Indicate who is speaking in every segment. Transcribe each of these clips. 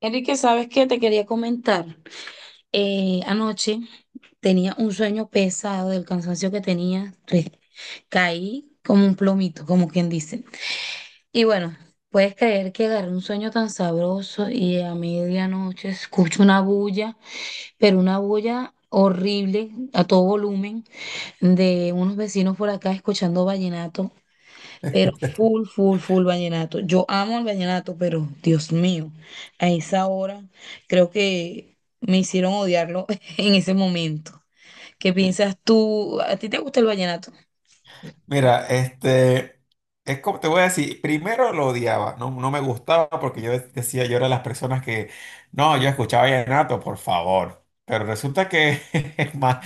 Speaker 1: Enrique, ¿sabes qué? Te quería comentar. Anoche tenía un sueño pesado del cansancio que tenía. Caí como un plomito, como quien dice. Y bueno, puedes creer que agarré un sueño tan sabroso y a medianoche escucho una bulla, pero una bulla horrible a todo volumen de unos vecinos por acá escuchando vallenato. Pero full, full, full vallenato. Yo amo el vallenato, pero Dios mío, a esa hora creo que me hicieron odiarlo en ese momento. ¿Qué piensas tú? ¿A ti te gusta el vallenato?
Speaker 2: Mira, es como te voy a decir, primero lo odiaba, no, no me gustaba porque yo decía, yo era de las personas que, no, yo escuchaba vallenato, por favor. Pero resulta que, es más,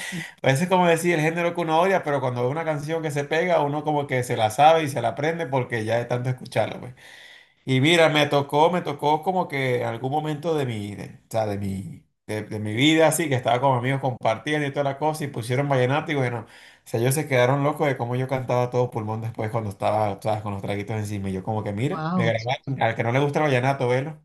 Speaker 2: a veces como decir el género que uno odia, pero cuando ve una canción que se pega, uno como que se la sabe y se la aprende porque ya de tanto escucharla, pues. Y mira, me tocó como que algún momento o sea, de mi vida, así, que estaba con amigos compartiendo y toda la cosa, y pusieron vallenato, y bueno, o sea, ellos se quedaron locos de cómo yo cantaba a todo pulmón después cuando estaba, ¿sabes? Con los traguitos encima, y yo como que, mira, me
Speaker 1: Wow.
Speaker 2: grabaron, al que no le gusta el vallenato, velo.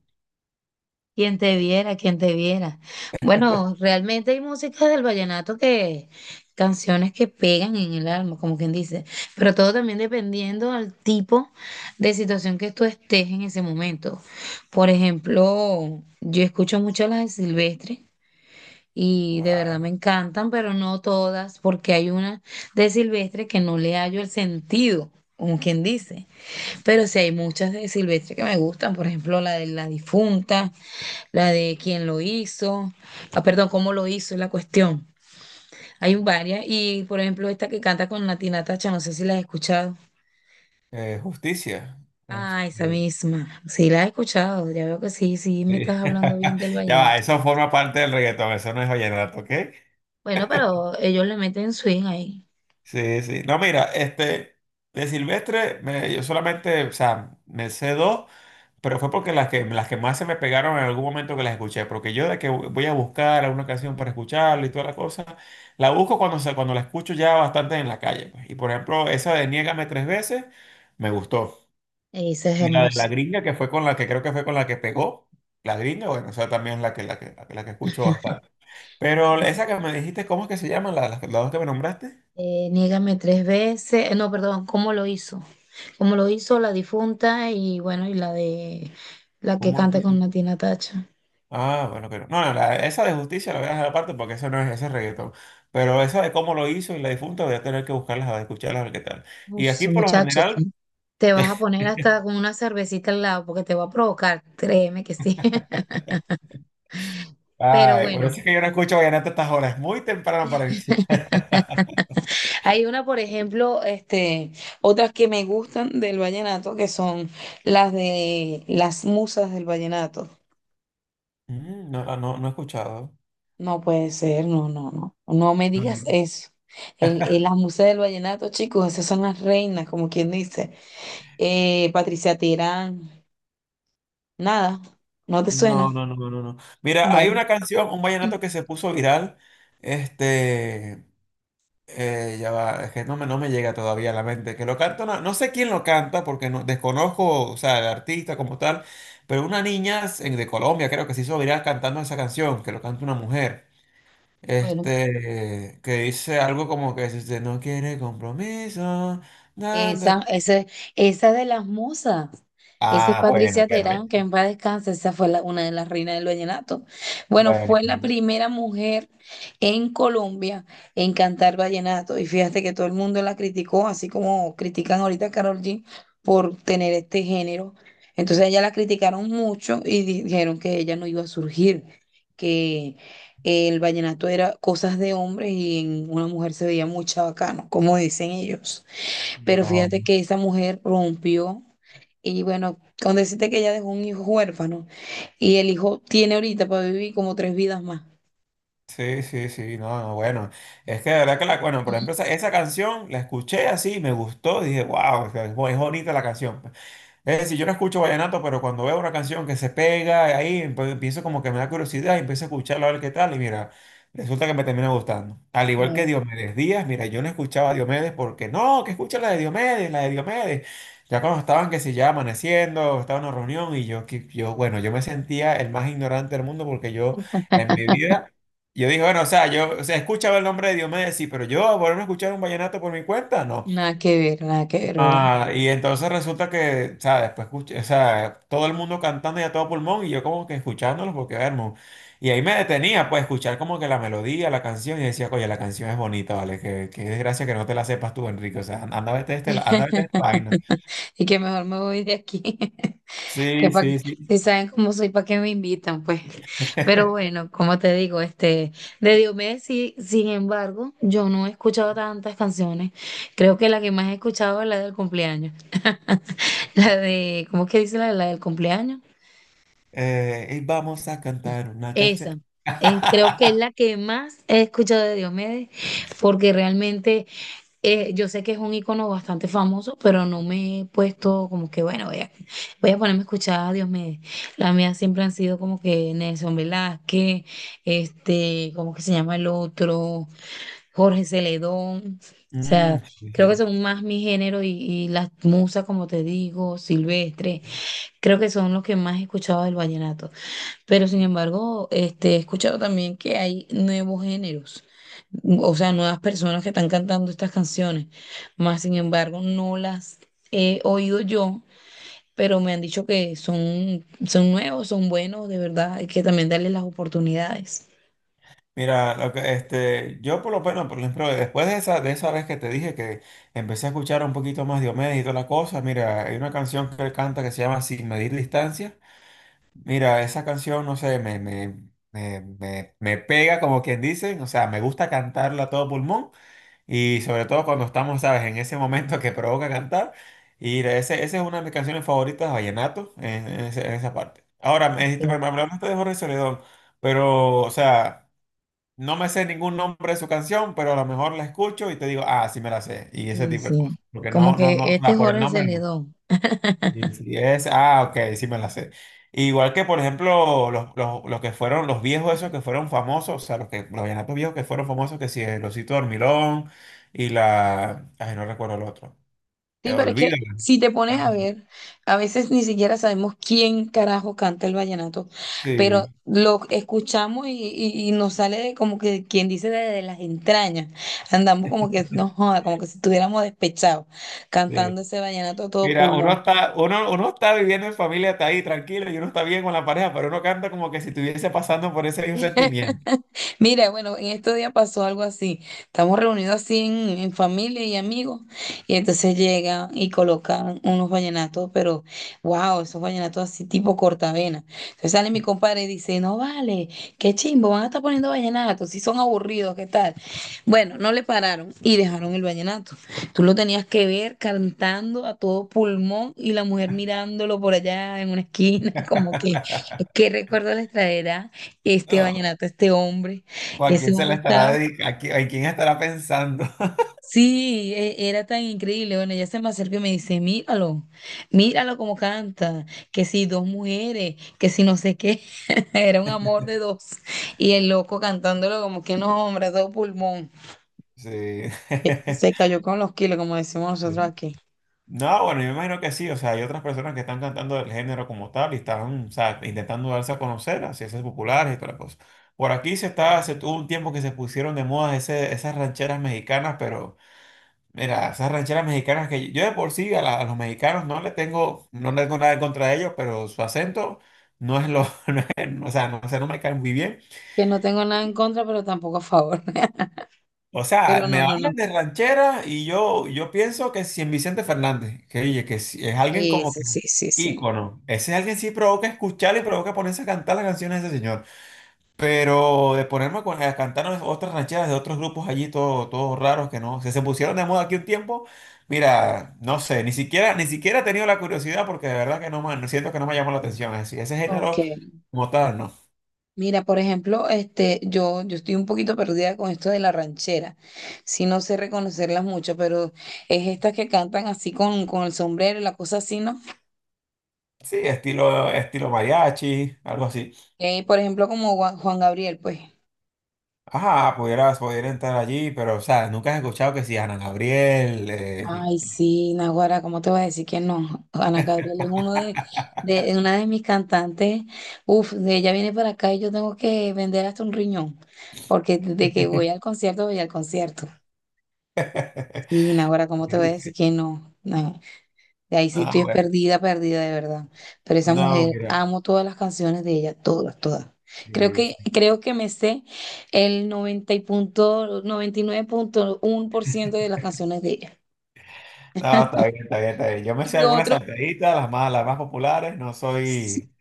Speaker 1: Quien te viera, quien te viera. Bueno, realmente hay música del vallenato que, canciones que pegan en el alma, como quien dice, pero todo también dependiendo al tipo de situación que tú estés en ese momento. Por ejemplo, yo escucho mucho las de Silvestre y de verdad
Speaker 2: Ah,
Speaker 1: me encantan, pero no todas, porque hay una de Silvestre que no le hallo el sentido, como quien dice, pero sí hay muchas de Silvestre que me gustan, por ejemplo, la de la difunta, la de quién lo hizo, ah, perdón, cómo lo hizo, es la cuestión. Hay varias, y por ejemplo, esta que canta con Natina Tacha, no sé si la has escuchado.
Speaker 2: justicia.
Speaker 1: Ah, esa
Speaker 2: Este,
Speaker 1: misma, sí la he escuchado, ya veo que sí, sí me
Speaker 2: sí.
Speaker 1: estás hablando bien del
Speaker 2: Ya va,
Speaker 1: vallenato.
Speaker 2: eso forma parte del reggaetón, eso no es vallenato, ¿ok?
Speaker 1: Bueno, pero ellos le meten swing ahí,
Speaker 2: Sí, sí. No, mira, de Silvestre, yo solamente, o sea, me sé dos. Pero fue porque las que más se me pegaron en algún momento que las escuché, porque yo de que voy a buscar alguna canción para escucharla y toda la cosa, la busco cuando, cuando la escucho ya bastante en la calle, pues. Y por ejemplo, esa de Niégame tres veces me gustó.
Speaker 1: esa es
Speaker 2: Y la de la
Speaker 1: hermosa.
Speaker 2: gringa, que fue con la que creo que fue con la que pegó, la gringa, bueno, o sea, también es la que, la que, la que, la que escucho bastante. Pero esa que me dijiste, ¿cómo es que se llama? Las dos que me nombraste,
Speaker 1: Niégame tres veces, no, perdón, cómo lo hizo la difunta y bueno, y la de la que
Speaker 2: ¿cómo?
Speaker 1: canta con Natina Tacha.
Speaker 2: Ah, bueno, pero no, no, no, esa de justicia la voy a dejar aparte porque eso no es ese reggaetón. Pero esa de cómo lo hizo y la difunta voy a tener que buscarlas, a escucharlas, a ver qué tal.
Speaker 1: Uf,
Speaker 2: Y aquí por lo
Speaker 1: muchachos,
Speaker 2: general,
Speaker 1: tú te vas a poner hasta con una cervecita al lado porque te va a provocar, créeme que sí. Pero
Speaker 2: ay, por
Speaker 1: bueno,
Speaker 2: eso es que yo no escucho vallenato a estas horas, es muy temprano para iniciar.
Speaker 1: hay una, por ejemplo, otras que me gustan del vallenato, que son las de las musas del vallenato.
Speaker 2: Mm, no, ah, no, no he escuchado.
Speaker 1: No puede ser, no, no, no. No me digas eso. El- las musas del vallenato, chicos, esas son las reinas, como quien dice. Patricia Tirán, nada, no te
Speaker 2: No,
Speaker 1: suena.
Speaker 2: no, no, no, no. No. Mira, hay
Speaker 1: Bueno,
Speaker 2: una canción, un vallenato que se puso viral, este, ya va, es que no me, llega todavía a la mente. Que lo canta, no sé quién lo canta porque no, desconozco, o sea, el artista como tal, pero una niña de Colombia creo que se hizo viral cantando esa canción, que lo canta una mujer.
Speaker 1: bueno.
Speaker 2: Que dice algo como que si usted no quiere compromiso. Na, na.
Speaker 1: Esa, esa, esa de las musas. Esa es
Speaker 2: Ah, bueno,
Speaker 1: Patricia
Speaker 2: bueno,
Speaker 1: Terán, que en paz descanse, esa fue una de las reinas del vallenato. Bueno,
Speaker 2: bueno.
Speaker 1: fue la primera mujer en Colombia en cantar vallenato. Y fíjate que todo el mundo la criticó, así como critican ahorita a Karol G por tener este género. Entonces ella la criticaron mucho y dijeron que ella no iba a surgir, que el vallenato era cosas de hombres y en una mujer se veía muy chabacano, como dicen ellos. Pero
Speaker 2: No.
Speaker 1: fíjate que esa mujer rompió y bueno, con decirte que ella dejó un hijo huérfano y el hijo tiene ahorita para vivir como tres vidas más.
Speaker 2: Sí, sí, sí, no, no, bueno. Es que de verdad que la, bueno, por ejemplo, esa, canción la escuché así, me gustó, dije, wow, es bonita la canción. Es decir, yo no escucho vallenato, pero cuando veo una canción que se pega ahí, empiezo como que me da curiosidad y empiezo a escucharla a ver qué tal. Y mira, resulta que me termina gustando. Al igual que
Speaker 1: No,
Speaker 2: Diomedes Díaz, mira, yo no escuchaba a Diomedes porque no, que escucha la de Diomedes, la de Diomedes. Ya cuando estaban, que se ya amaneciendo, estaba en una reunión y yo, bueno, yo me sentía el más ignorante del mundo porque yo en mi vida. Yo dije, bueno, o sea, yo, o sea, escuchaba el nombre de Diomedes, sí, pero yo volverme a escuchar un vallenato por mi cuenta, no.
Speaker 1: nada que ver, nada que ver, ¿verdad?
Speaker 2: Ah, y entonces resulta que, o sea, después escuché, o sea, todo el mundo cantando y a todo pulmón y yo como que escuchándolos porque, hermano, y ahí me detenía, pues, escuchar como que la melodía, la canción y decía, oye, la canción es bonita, ¿vale? Qué desgracia que no te la sepas tú, Enrique, o sea, anda a verte este, anda a verte esta vaina.
Speaker 1: Y que mejor me voy de aquí. Que
Speaker 2: Sí,
Speaker 1: pa-
Speaker 2: sí, sí.
Speaker 1: si saben cómo soy, ¿para qué me invitan? Pues, pero bueno, como te digo, de Diomedes, sí, sin embargo, yo no he escuchado tantas canciones. Creo que la que más he escuchado es la del cumpleaños. La de, ¿cómo es que dice la, la del cumpleaños?
Speaker 2: Y vamos a cantar una canción.
Speaker 1: Esa, creo que es la que más he escuchado de Diomedes, porque realmente yo sé que es un icono bastante famoso, pero no me he puesto como que, bueno, voy a ponerme a escuchar a Diomedes. Las mías siempre han sido como que Nelson Velázquez, este, ¿cómo que se llama el otro? Jorge Celedón. O sea,
Speaker 2: Mm, sí,
Speaker 1: creo que
Speaker 2: sí.
Speaker 1: son más mi género y las musas, como te digo, Silvestre. Creo que son los que más he escuchado del vallenato. Pero sin embargo, he escuchado también que hay nuevos géneros, o sea, nuevas personas que están cantando estas canciones. Más sin embargo, no las he oído yo, pero me han dicho que son, son nuevos, son buenos, de verdad, hay que también darles las oportunidades.
Speaker 2: Mira, lo que, yo por lo menos, por ejemplo, después de esa vez que te dije que empecé a escuchar un poquito más Diomedes y toda la cosa, mira, hay una canción que él canta que se llama Sin medir distancia. Mira, esa canción, no sé, me pega como quien dice, o sea, me gusta cantarla a todo pulmón y sobre todo cuando estamos, sabes, en ese momento que provoca cantar. Y ese, esa es una de mis canciones favoritas de vallenato en en esa parte. Ahora, me dijiste,
Speaker 1: Sí,
Speaker 2: me hablaste de Jorge Celedón, pero, o sea. No me sé ningún nombre de su canción, pero a lo mejor la escucho y te digo, ah, sí me la sé. Y ese
Speaker 1: sí,
Speaker 2: tipo de
Speaker 1: sí.
Speaker 2: cosas. Porque
Speaker 1: Como
Speaker 2: no, no,
Speaker 1: que
Speaker 2: no, o
Speaker 1: este
Speaker 2: sea, por el
Speaker 1: Jorge se
Speaker 2: nombre
Speaker 1: le
Speaker 2: no.
Speaker 1: dio.
Speaker 2: Sí, sí, es, ah, ok, sí me la sé. Igual que, por ejemplo, los que fueron, los viejos esos que fueron famosos, o sea, los vallenatos viejos que fueron famosos, que si el Osito Dormilón y ay, no recuerdo el otro.
Speaker 1: Sí, pero es que
Speaker 2: Olvídalo.
Speaker 1: si te pones a ver, a veces ni siquiera sabemos quién carajo canta el vallenato, pero
Speaker 2: Sí,
Speaker 1: lo escuchamos y, y nos sale de como que quien dice de las entrañas. Andamos como que no joda, como que si estuviéramos despechados,
Speaker 2: sí.
Speaker 1: cantando ese vallenato a todo
Speaker 2: Mira, uno
Speaker 1: pulmón.
Speaker 2: está, uno está viviendo en familia, está ahí tranquilo y uno está bien con la pareja, pero uno canta como que si estuviese pasando por ese mismo sentimiento.
Speaker 1: Mira, bueno, en estos días pasó algo así. Estamos reunidos así en familia y amigos, y entonces llegan y colocan unos vallenatos, pero wow, esos vallenatos así tipo cortavena. Entonces sale mi compadre y dice, no vale, qué chimbo, van a estar poniendo vallenatos, si son aburridos, ¿qué tal? Bueno, no le pararon y dejaron el vallenato. Tú lo tenías que ver cantando a todo pulmón y la mujer mirándolo por allá en una esquina, como que, ¿qué recuerdo les traerá este
Speaker 2: No,
Speaker 1: vallenato, este hombre?
Speaker 2: ¿o a
Speaker 1: Ese
Speaker 2: quién se
Speaker 1: hombre
Speaker 2: le estará
Speaker 1: estaba,
Speaker 2: dedicando? ¿A quién estará pensando?
Speaker 1: sí, era tan increíble. Bueno, ella se me acerca y me dice, míralo, míralo como canta, que si dos mujeres, que si no sé qué, era un amor de dos. Y el loco cantándolo como que no, hombre, a todo pulmón.
Speaker 2: Sí.
Speaker 1: Se cayó con los kilos, como decimos nosotros
Speaker 2: Sí.
Speaker 1: aquí.
Speaker 2: No, bueno, yo imagino que sí. O sea, hay otras personas que están cantando el género como tal y están, o sea, intentando darse a conocer, hacerse populares y toda la cosa. Por aquí se está, se tuvo un tiempo que se pusieron de moda esas rancheras mexicanas, pero mira, esas rancheras mexicanas que yo de por sí a los mexicanos no le tengo, nada en contra de ellos, pero su acento o sea, no me caen muy bien.
Speaker 1: Que no tengo nada en contra, pero tampoco a favor.
Speaker 2: O sea,
Speaker 1: Pero
Speaker 2: me
Speaker 1: no, no,
Speaker 2: hablan
Speaker 1: no.
Speaker 2: de ranchera y yo pienso que si en Vicente Fernández, que oye, que si- es alguien como
Speaker 1: Eso,
Speaker 2: que
Speaker 1: sí, sí, sí.
Speaker 2: ícono. Ese alguien sí provoca escuchar y provoca ponerse a cantar las canciones de ese señor. Pero de ponerme a, a cantar otras rancheras de otros grupos allí, todos raros que no, se pusieron de moda aquí un tiempo. Mira, no sé, ni siquiera, ni siquiera he tenido la curiosidad porque de verdad que no siento que no me llamó la atención. Es decir, ese
Speaker 1: Ok.
Speaker 2: género como tal, no.
Speaker 1: Mira, por ejemplo, yo estoy un poquito perdida con esto de la ranchera. Sí, no sé reconocerlas mucho, pero es estas que cantan así con el sombrero y la cosa así, ¿no?
Speaker 2: Sí, estilo, mariachi, algo así.
Speaker 1: Por ejemplo, como Juan Gabriel, pues.
Speaker 2: Ah, pudieras, pudiera entrar allí, pero, o sea, nunca has escuchado que si Ana Gabriel.
Speaker 1: Ay, sí, Naguara, ¿cómo te voy a decir que no? Ana Gabriel es uno de una de mis cantantes. Uf, de ella viene para acá y yo tengo que vender hasta un riñón, porque de que voy al concierto, voy al concierto. Sí, Naguara, ¿cómo te voy a decir que no? No. De ahí sí
Speaker 2: Ah,
Speaker 1: estoy
Speaker 2: bueno.
Speaker 1: perdida, perdida de verdad. Pero esa
Speaker 2: No,
Speaker 1: mujer,
Speaker 2: mira.
Speaker 1: amo todas las canciones de ella, todas, todas.
Speaker 2: Sí, sí.
Speaker 1: Creo que me sé el 90 y punto, 99.1% de las canciones de ella.
Speaker 2: No, está bien, está bien, está bien. Yo me sé
Speaker 1: Y
Speaker 2: algunas
Speaker 1: otro,
Speaker 2: saltaditas, las más populares, no
Speaker 1: sí,
Speaker 2: soy.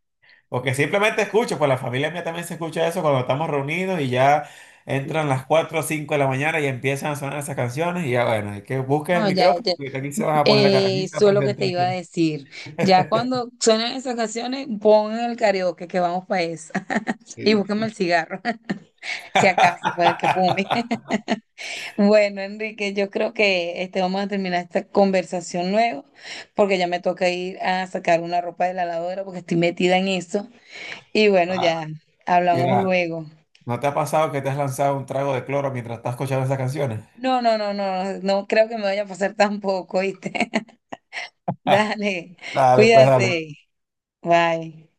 Speaker 2: Porque simplemente escucho, pues la familia mía también se escucha eso cuando estamos reunidos y ya entran las 4 o 5 de la mañana y empiezan a sonar esas canciones y ya bueno, hay que busquen el
Speaker 1: no, ya,
Speaker 2: micrófono
Speaker 1: ya,
Speaker 2: porque aquí se van a poner acá, aquí se va a
Speaker 1: eso es lo que te
Speaker 2: presentar
Speaker 1: iba a
Speaker 2: acá.
Speaker 1: decir. Ya cuando suenen esas canciones, pon el karaoke que vamos para esa. Y
Speaker 2: Sí.
Speaker 1: búscame el cigarro, si acaso, para el que fume. Bueno, Enrique, yo creo que vamos a terminar esta conversación luego, porque ya me toca ir a sacar una ropa de la lavadora porque estoy metida en eso. Y bueno,
Speaker 2: Ah,
Speaker 1: ya hablamos
Speaker 2: mira,
Speaker 1: luego.
Speaker 2: ¿no te ha pasado que te has lanzado un trago de cloro mientras estás escuchando esas canciones?
Speaker 1: No, no, no, no, no creo que me vaya a pasar tampoco, ¿viste? Dale,
Speaker 2: Dale, pues dale.
Speaker 1: cuídate. Bye.